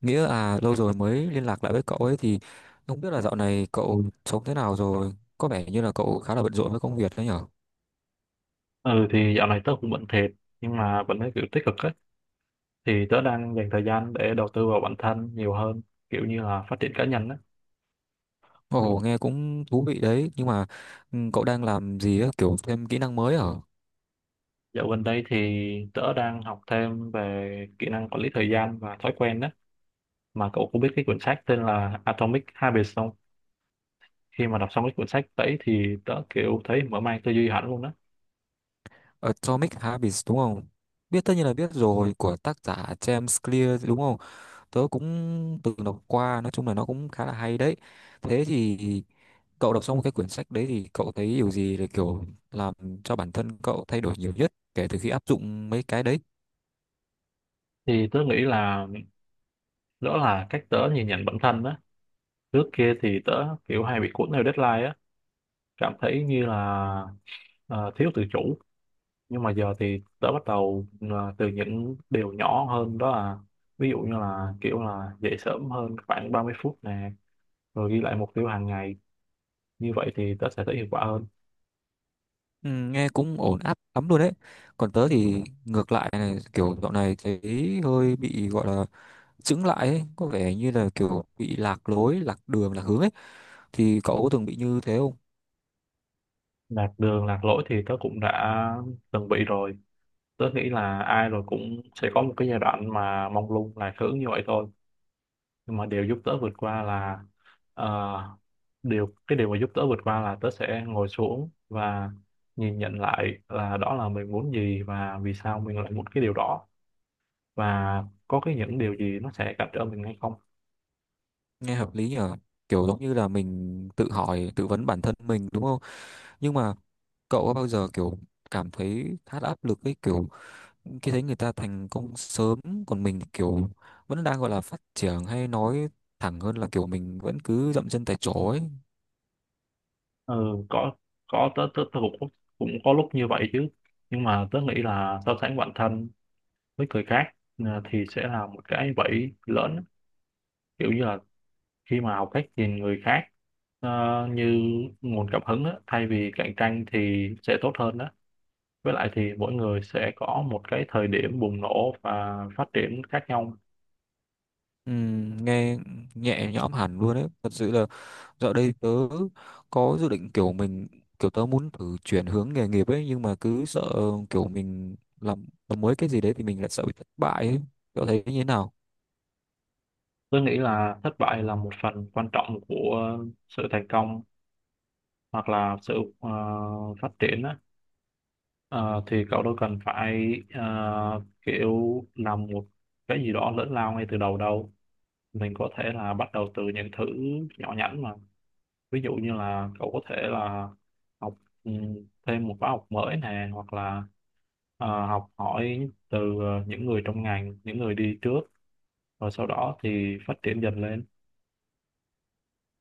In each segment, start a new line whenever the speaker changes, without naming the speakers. Nghĩa à, lâu rồi mới liên lạc lại với cậu ấy thì không biết là dạo này cậu sống thế nào rồi. Có vẻ như là cậu khá là bận rộn với công việc đấy nhở?
Ừ thì dạo này tớ cũng bận thiệt nhưng mà vẫn thấy kiểu tích cực ấy, thì tớ đang dành thời gian để đầu tư vào bản thân nhiều hơn, kiểu như là phát triển cá nhân á.
Ồ nghe cũng thú vị đấy. Nhưng mà ừ, cậu đang làm gì á? Kiểu thêm kỹ năng mới ở
Dạo gần đây thì tớ đang học thêm về kỹ năng quản lý thời gian và thói quen đó. Mà cậu có biết cái quyển sách tên là Atomic Habits không? Khi mà đọc xong cái quyển sách đấy thì tớ kiểu thấy mở mang tư duy hẳn luôn đó.
Atomic Habits đúng không? Biết, tất nhiên là biết rồi, của tác giả James Clear đúng không? Tớ cũng từng đọc qua. Nói chung là nó cũng khá là hay đấy. Thế thì cậu đọc xong cái quyển sách đấy thì cậu thấy điều gì là kiểu làm cho bản thân cậu thay đổi nhiều nhất kể từ khi áp dụng mấy cái đấy?
Thì tớ nghĩ là đó là cách tớ nhìn nhận bản thân đó. Trước kia thì tớ kiểu hay bị cuốn theo deadline á, cảm thấy như là ờ, thiếu tự chủ. Nhưng mà giờ thì tớ bắt đầu từ những điều nhỏ hơn, đó là ví dụ như là kiểu là dậy sớm hơn khoảng 30 phút nè, rồi ghi lại mục tiêu hàng ngày, như vậy thì tớ sẽ thấy hiệu quả hơn.
Ừ, nghe cũng ổn áp lắm luôn đấy. Còn tớ thì ngược lại này, kiểu dạo này thấy hơi bị gọi là chững lại ấy, có vẻ như là kiểu bị lạc lối, lạc đường, lạc hướng ấy, thì cậu có từng bị như thế không?
Lạc đường lạc lối thì tớ cũng đã từng bị rồi. Tớ nghĩ là ai rồi cũng sẽ có một cái giai đoạn mà mông lung lạc hướng như vậy thôi. Nhưng mà điều giúp tớ vượt qua là ờ, cái điều mà giúp tớ vượt qua là tớ sẽ ngồi xuống và nhìn nhận lại là đó là mình muốn gì và vì sao mình lại muốn cái điều đó, và có cái những điều gì nó sẽ cản trở mình hay không.
Nghe hợp lý nhở, kiểu giống như là mình tự hỏi, tự vấn bản thân mình đúng không? Nhưng mà cậu có bao giờ kiểu cảm thấy khá là áp lực ấy, kiểu khi thấy người ta thành công sớm còn mình thì kiểu vẫn đang gọi là phát triển, hay nói thẳng hơn là kiểu mình vẫn cứ dậm chân tại chỗ ấy?
Ừ, có có, tớ tớ, tớ cũng cũng có lúc như vậy chứ. Nhưng mà tớ nghĩ là so sánh bản thân với người khác thì sẽ là một cái bẫy lớn. Kiểu như là khi mà học cách nhìn người khác Ờ, như nguồn cảm hứng á, thay vì cạnh tranh thì sẽ tốt hơn đó. Với lại thì mỗi người sẽ có một cái thời điểm bùng nổ và phát triển khác nhau.
Nghe nhẹ nhõm hẳn luôn đấy, thật sự là dạo đây tớ có dự định kiểu mình, kiểu tớ muốn thử chuyển hướng nghề nghiệp ấy, nhưng mà cứ sợ kiểu mình làm mới cái gì đấy thì mình lại sợ bị thất bại ấy. Cậu thấy như thế nào?
Tôi nghĩ là thất bại là một phần quan trọng của sự thành công, hoặc là sự phát triển á. Ờ, thì cậu đâu cần phải kiểu làm một cái gì đó lớn lao ngay từ đầu đâu. Mình có thể là bắt đầu từ những thứ nhỏ nhắn mà. Ví dụ như là cậu có thể là học ừ, thêm một khóa học mới nè, hoặc là học hỏi từ những người trong ngành, những người đi trước, rồi sau đó thì phát triển dần lên.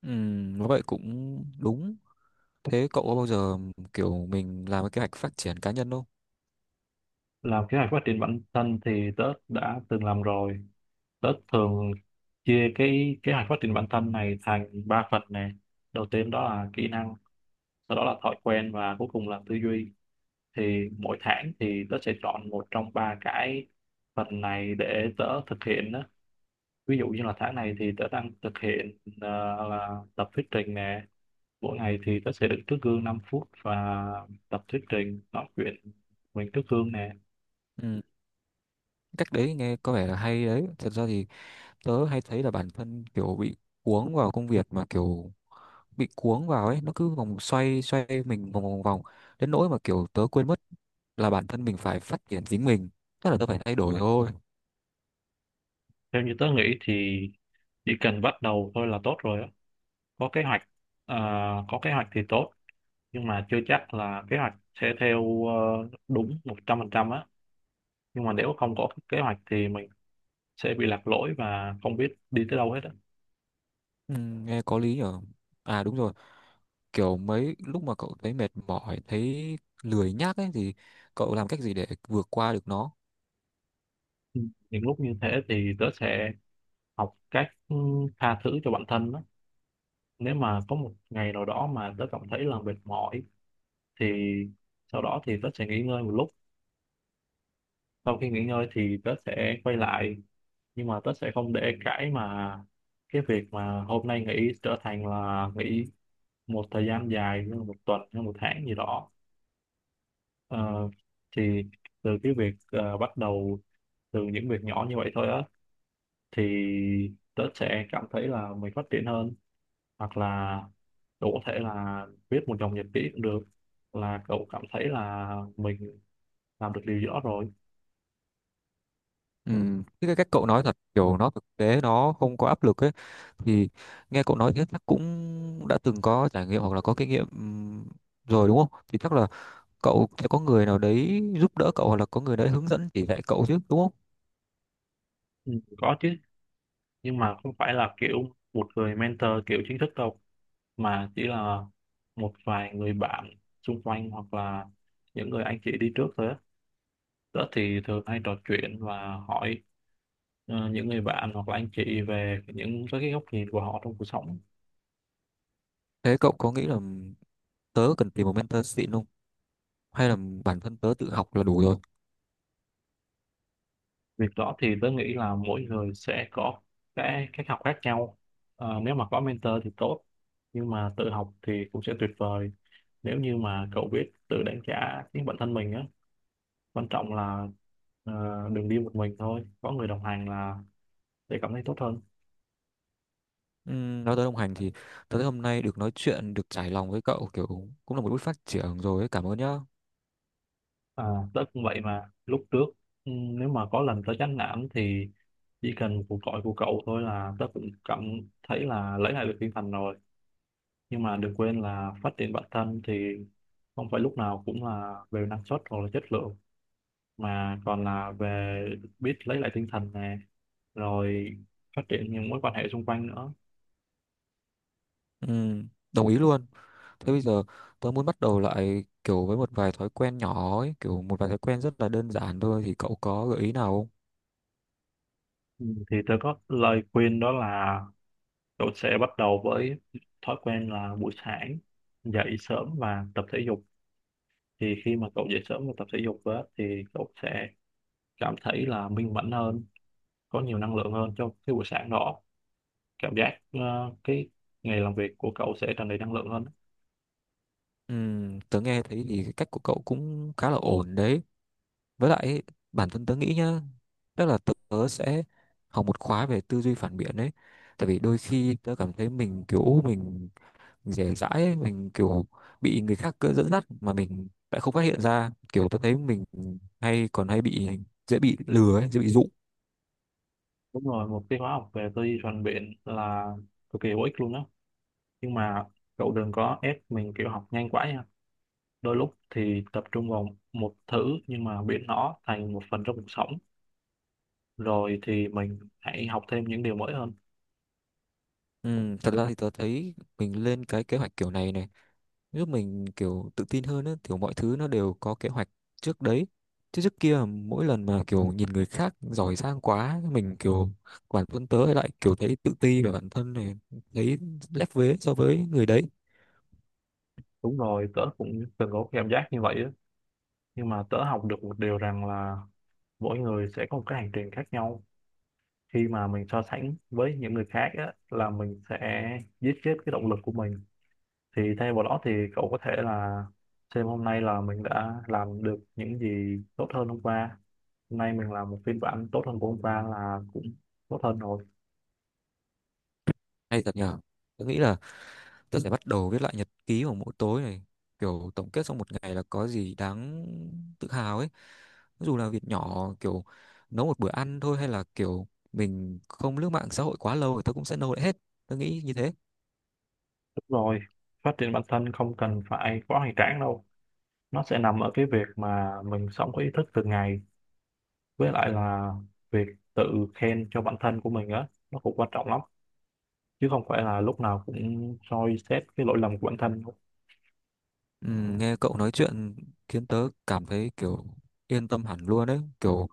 Nói vậy cũng đúng. Thế cậu có bao giờ kiểu mình làm cái kế hoạch phát triển cá nhân không?
Làm kế hoạch phát triển bản thân thì tớ đã từng làm rồi. Tớ thường chia cái kế hoạch phát triển bản thân này thành ba phần nè. Đầu tiên đó là kỹ năng, sau đó là thói quen, và cuối cùng là tư duy. Thì mỗi tháng thì tớ sẽ chọn một trong ba cái phần này để tớ thực hiện. Ví dụ như là tháng này thì tớ đang thực hiện là tập thuyết trình nè. Mỗi ngày thì tớ sẽ đứng trước gương 5 phút và tập thuyết trình, nói chuyện mình trước gương nè.
Ừm, cách đấy nghe có vẻ là hay đấy. Thật ra thì tớ hay thấy là bản thân kiểu bị cuống vào công việc, mà kiểu bị cuống vào ấy nó cứ vòng xoay, xoay mình vòng vòng vòng đến nỗi mà kiểu tớ quên mất là bản thân mình phải phát triển chính mình, tức là tớ phải thay đổi thôi.
Theo như tớ nghĩ thì chỉ cần bắt đầu thôi là tốt rồi á. Có kế hoạch ờ, có kế hoạch thì tốt, nhưng mà chưa chắc là kế hoạch sẽ theo đúng 100% á. Nhưng mà nếu không có kế hoạch thì mình sẽ bị lạc lối và không biết đi tới đâu hết á.
Ừ, nghe có lý nhở. À đúng rồi, kiểu mấy lúc mà cậu thấy mệt mỏi, thấy lười nhác ấy thì cậu làm cách gì để vượt qua được nó?
Ừ. Những lúc như thế thì tớ sẽ học cách tha thứ cho bản thân á. Nếu mà có một ngày nào đó mà tớ cảm thấy là mệt mỏi thì sau đó thì tớ sẽ nghỉ ngơi một lúc. Sau khi nghỉ ngơi thì tớ sẽ quay lại, nhưng mà tớ sẽ không để cái mà cái việc mà hôm nay nghỉ trở thành là nghỉ một thời gian dài như là một tuần hay một tháng gì đó. Ờ, thì từ cái việc bắt đầu từ những việc nhỏ như vậy thôi á, thì tớ sẽ cảm thấy là mình phát triển hơn. Hoặc là cậu có thể là viết một dòng nhật ký cũng được, là cậu cảm thấy là mình làm được điều gì đó rồi.
Ừ, cái cách cậu nói thật kiểu nó thực tế, nó không có áp lực ấy, thì nghe cậu nói thế chắc cũng đã từng có trải nghiệm hoặc là có kinh nghiệm rồi đúng không, thì chắc là cậu sẽ có người nào đấy giúp đỡ cậu hoặc là có người đấy hướng dẫn chỉ dạy cậu chứ đúng không?
Ừ, có chứ, nhưng mà không phải là kiểu một người mentor kiểu chính thức đâu, mà chỉ là một vài người bạn xung quanh, hoặc là những người anh chị đi trước thôi á. Tớ thì thường hay trò chuyện và hỏi những người bạn hoặc là anh chị về những cái góc nhìn của họ trong cuộc sống.
Thế cậu có nghĩ là tớ cần tìm một mentor xịn không, hay là bản thân tớ tự học là đủ rồi?
Việc đó thì tớ nghĩ là mỗi người sẽ có cái cách học khác nhau. Nếu mà có mentor thì tốt, nhưng mà tự học thì cũng sẽ tuyệt vời nếu như mà cậu biết tự đánh giá chính bản thân mình á. Quan trọng là ờ, đừng đi một mình thôi, có người đồng hành là để cảm thấy tốt hơn.
Nói tới đồng hành thì tớ thấy hôm nay được nói chuyện, được trải lòng với cậu kiểu cũng là một bước phát triển rồi ấy. Cảm ơn nhá.
À, tớ cũng vậy mà. Lúc trước nếu mà có lần tớ chán nản thì chỉ cần cuộc gọi của cậu thôi là tớ cũng cảm thấy là lấy lại được tinh thần rồi. Nhưng mà đừng quên là phát triển bản thân thì không phải lúc nào cũng là về năng suất hoặc là chất lượng, mà còn là về biết lấy lại tinh thần này, rồi phát triển những mối quan hệ xung quanh nữa.
Đồng ý luôn. Thế bây giờ tớ muốn bắt đầu lại kiểu với một vài thói quen nhỏ ấy, kiểu một vài thói quen rất là đơn giản thôi, thì cậu có gợi ý nào không?
Ừ, thì tôi có lời khuyên đó là cậu sẽ bắt đầu với thói quen là buổi sáng dậy sớm và tập thể dục. Thì khi mà cậu dậy sớm và tập thể dục á, thì cậu sẽ cảm thấy là minh mẫn hơn, có nhiều năng lượng hơn cho cái buổi sáng đó. Cảm giác cái ngày làm việc của cậu sẽ tràn đầy năng lượng hơn.
Tớ nghe thấy thì cái cách của cậu cũng khá là ổn đấy. Với lại ấy, bản thân tớ nghĩ nhá, tức là tớ sẽ học một khóa về tư duy phản biện đấy. Tại vì đôi khi tớ cảm thấy mình kiểu mình dễ dãi ấy, mình kiểu bị người khác cứ dẫn dắt mà mình lại không phát hiện ra. Kiểu tớ thấy mình hay còn hay bị, dễ bị lừa ấy, dễ bị dụ.
Đúng rồi, một cái khóa học về tư duy phản biện là cực kỳ hữu ích luôn đó. Nhưng mà cậu đừng có ép mình kiểu học nhanh quá nha. Đôi lúc thì tập trung vào một thứ nhưng mà biến nó thành một phần trong cuộc sống, rồi thì mình hãy học thêm những điều mới hơn.
Ừ, thật ra thì tớ thấy mình lên cái kế hoạch kiểu này này giúp mình kiểu tự tin hơn á, kiểu mọi thứ nó đều có kế hoạch trước đấy, chứ trước kia mỗi lần mà kiểu nhìn người khác giỏi giang quá mình kiểu, bản thân tớ lại kiểu thấy tự ti về bản thân này, thấy lép vế so với người đấy.
Đúng rồi, tớ cũng từng có cảm giác như vậy á. Nhưng mà tớ học được một điều rằng là mỗi người sẽ có một cái hành trình khác nhau. Khi mà mình so sánh với những người khác á, là mình sẽ giết chết cái động lực của mình. Thì thay vào đó thì cậu có thể là xem hôm nay là mình đã làm được những gì tốt hơn hôm qua. Hôm nay mình làm một phiên bản tốt hơn của hôm qua là cũng tốt hơn rồi.
Hay thật nhở. Tớ nghĩ là tớ sẽ bắt đầu viết lại nhật ký vào mỗi tối này, kiểu tổng kết sau một ngày là có gì đáng tự hào ấy, dù là việc nhỏ, kiểu nấu một bữa ăn thôi hay là kiểu mình không lướt mạng xã hội quá lâu thì tớ cũng sẽ nâu lại hết. Tớ nghĩ như thế.
Đúng rồi, phát triển bản thân không cần phải quá hoành tráng đâu, nó sẽ nằm ở cái việc mà mình sống có ý thức từng ngày. Với lại là việc tự khen cho bản thân của mình á nó cũng quan trọng lắm, chứ không phải là lúc nào cũng soi xét cái lỗi lầm của bản thân.
Ừ, nghe cậu nói chuyện khiến tớ cảm thấy kiểu yên tâm hẳn luôn đấy. Kiểu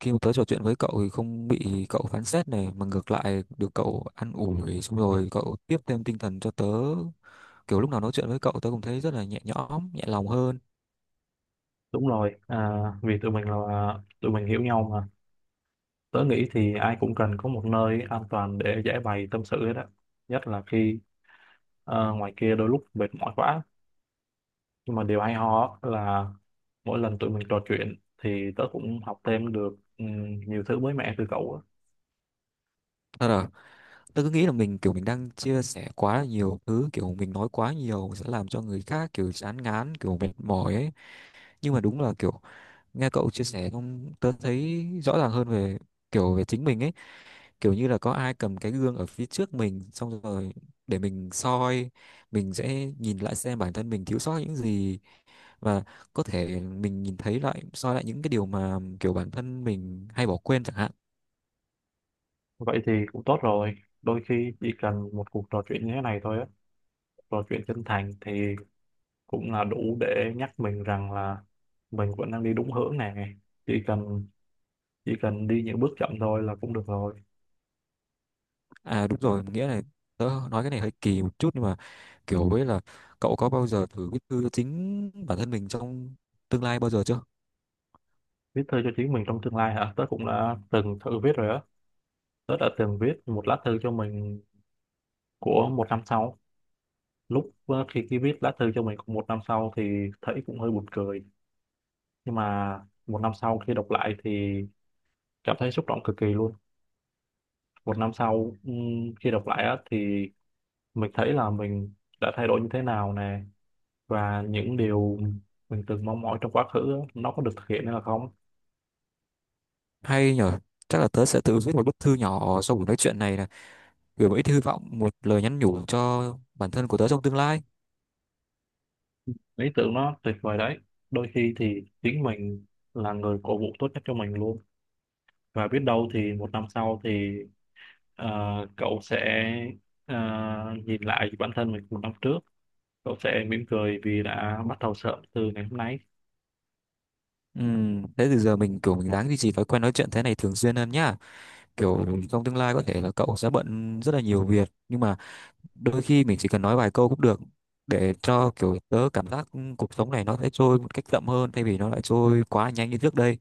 khi mà tớ trò chuyện với cậu thì không bị cậu phán xét này, mà ngược lại được cậu an ủi, xong rồi cậu tiếp thêm tinh thần cho tớ. Kiểu lúc nào nói chuyện với cậu tớ cũng thấy rất là nhẹ nhõm, nhẹ lòng hơn.
Đúng rồi, vì tụi mình là tụi mình hiểu nhau mà. Tớ nghĩ thì ai cũng cần có một nơi an toàn để giải bày tâm sự hết á. Nhất là khi ngoài kia đôi lúc mệt mỏi quá. Nhưng mà điều hay ho á là mỗi lần tụi mình trò chuyện thì tớ cũng học thêm được nhiều thứ mới mẻ từ cậu á.
Thật à, tớ cứ nghĩ là mình kiểu mình đang chia sẻ quá là nhiều thứ, kiểu mình nói quá nhiều sẽ làm cho người khác kiểu chán ngán, kiểu mệt mỏi ấy. Nhưng mà đúng là kiểu nghe cậu chia sẻ xong tớ thấy rõ ràng hơn về kiểu về chính mình ấy, kiểu như là có ai cầm cái gương ở phía trước mình xong rồi để mình soi, mình sẽ nhìn lại xem bản thân mình thiếu sót những gì, và có thể mình nhìn thấy lại, soi lại những cái điều mà kiểu bản thân mình hay bỏ quên chẳng hạn.
Vậy thì cũng tốt rồi. Đôi khi chỉ cần một cuộc trò chuyện như thế này thôi á, trò chuyện chân thành thì cũng là đủ để nhắc mình rằng là mình vẫn đang đi đúng hướng này. Chỉ cần chỉ cần đi những bước chậm thôi là cũng được rồi.
À đúng rồi Nghĩa, là tớ nói cái này hơi kỳ một chút nhưng mà kiểu với là cậu có bao giờ thử viết thư chính bản thân mình trong tương lai bao giờ chưa?
Viết thư cho chính mình trong tương lai hả? Tớ cũng đã từng thử viết rồi á. Tớ đã từng viết một lá thư cho mình của một năm sau. Lúc ờ, khi khi viết lá thư cho mình của một năm sau thì thấy cũng hơi buồn cười. Nhưng mà một năm sau khi đọc lại thì cảm thấy xúc động cực kỳ luôn. Một năm sau khi đọc lại á thì mình thấy là mình đã thay đổi như thế nào nè, và những điều mình từng mong mỏi trong quá khứ á, nó có được thực hiện hay là không.
Hay nhở. Chắc là tớ sẽ tự viết một bức thư nhỏ sau buổi nói chuyện này, là gửi một ít hy vọng, một lời nhắn nhủ cho bản thân của tớ trong tương lai.
Lý tưởng nó tuyệt vời đấy. Đôi khi thì chính mình là người cổ vũ tốt nhất cho mình luôn. Và biết đâu thì một năm sau thì ờ, cậu sẽ ờ, nhìn lại bản thân mình một năm trước, cậu sẽ mỉm cười vì đã bắt đầu sớm từ ngày hôm nay.
Ừ, thế từ giờ mình kiểu mình ráng duy trì thói quen nói chuyện thế này thường xuyên hơn nhá. Kiểu trong tương lai có thể là cậu sẽ bận rất là nhiều việc, nhưng mà đôi khi mình chỉ cần nói vài câu cũng được, để cho kiểu tớ cảm giác cuộc sống này nó sẽ trôi một cách chậm hơn thay vì nó lại trôi quá nhanh như trước đây.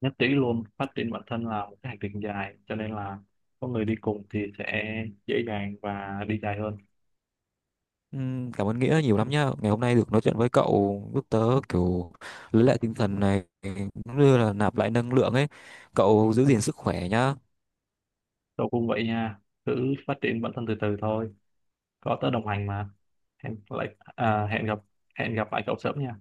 Nhất trí luôn, phát triển bản thân là một cái hành trình dài cho nên là có người đi cùng thì sẽ dễ dàng và đi dài hơn.
Ừ, cảm ơn Nghĩa nhiều lắm nhá. Ngày hôm nay được nói chuyện với cậu giúp tớ kiểu lấy lại tinh thần này, cũng như là nạp lại năng lượng ấy. Cậu giữ gìn sức khỏe nhá.
Cậu cũng vậy nha, cứ phát triển bản thân từ từ thôi, có tớ đồng hành mà. Hẹn lại à, hẹn gặp hẹn gặp lại cậu sớm nha.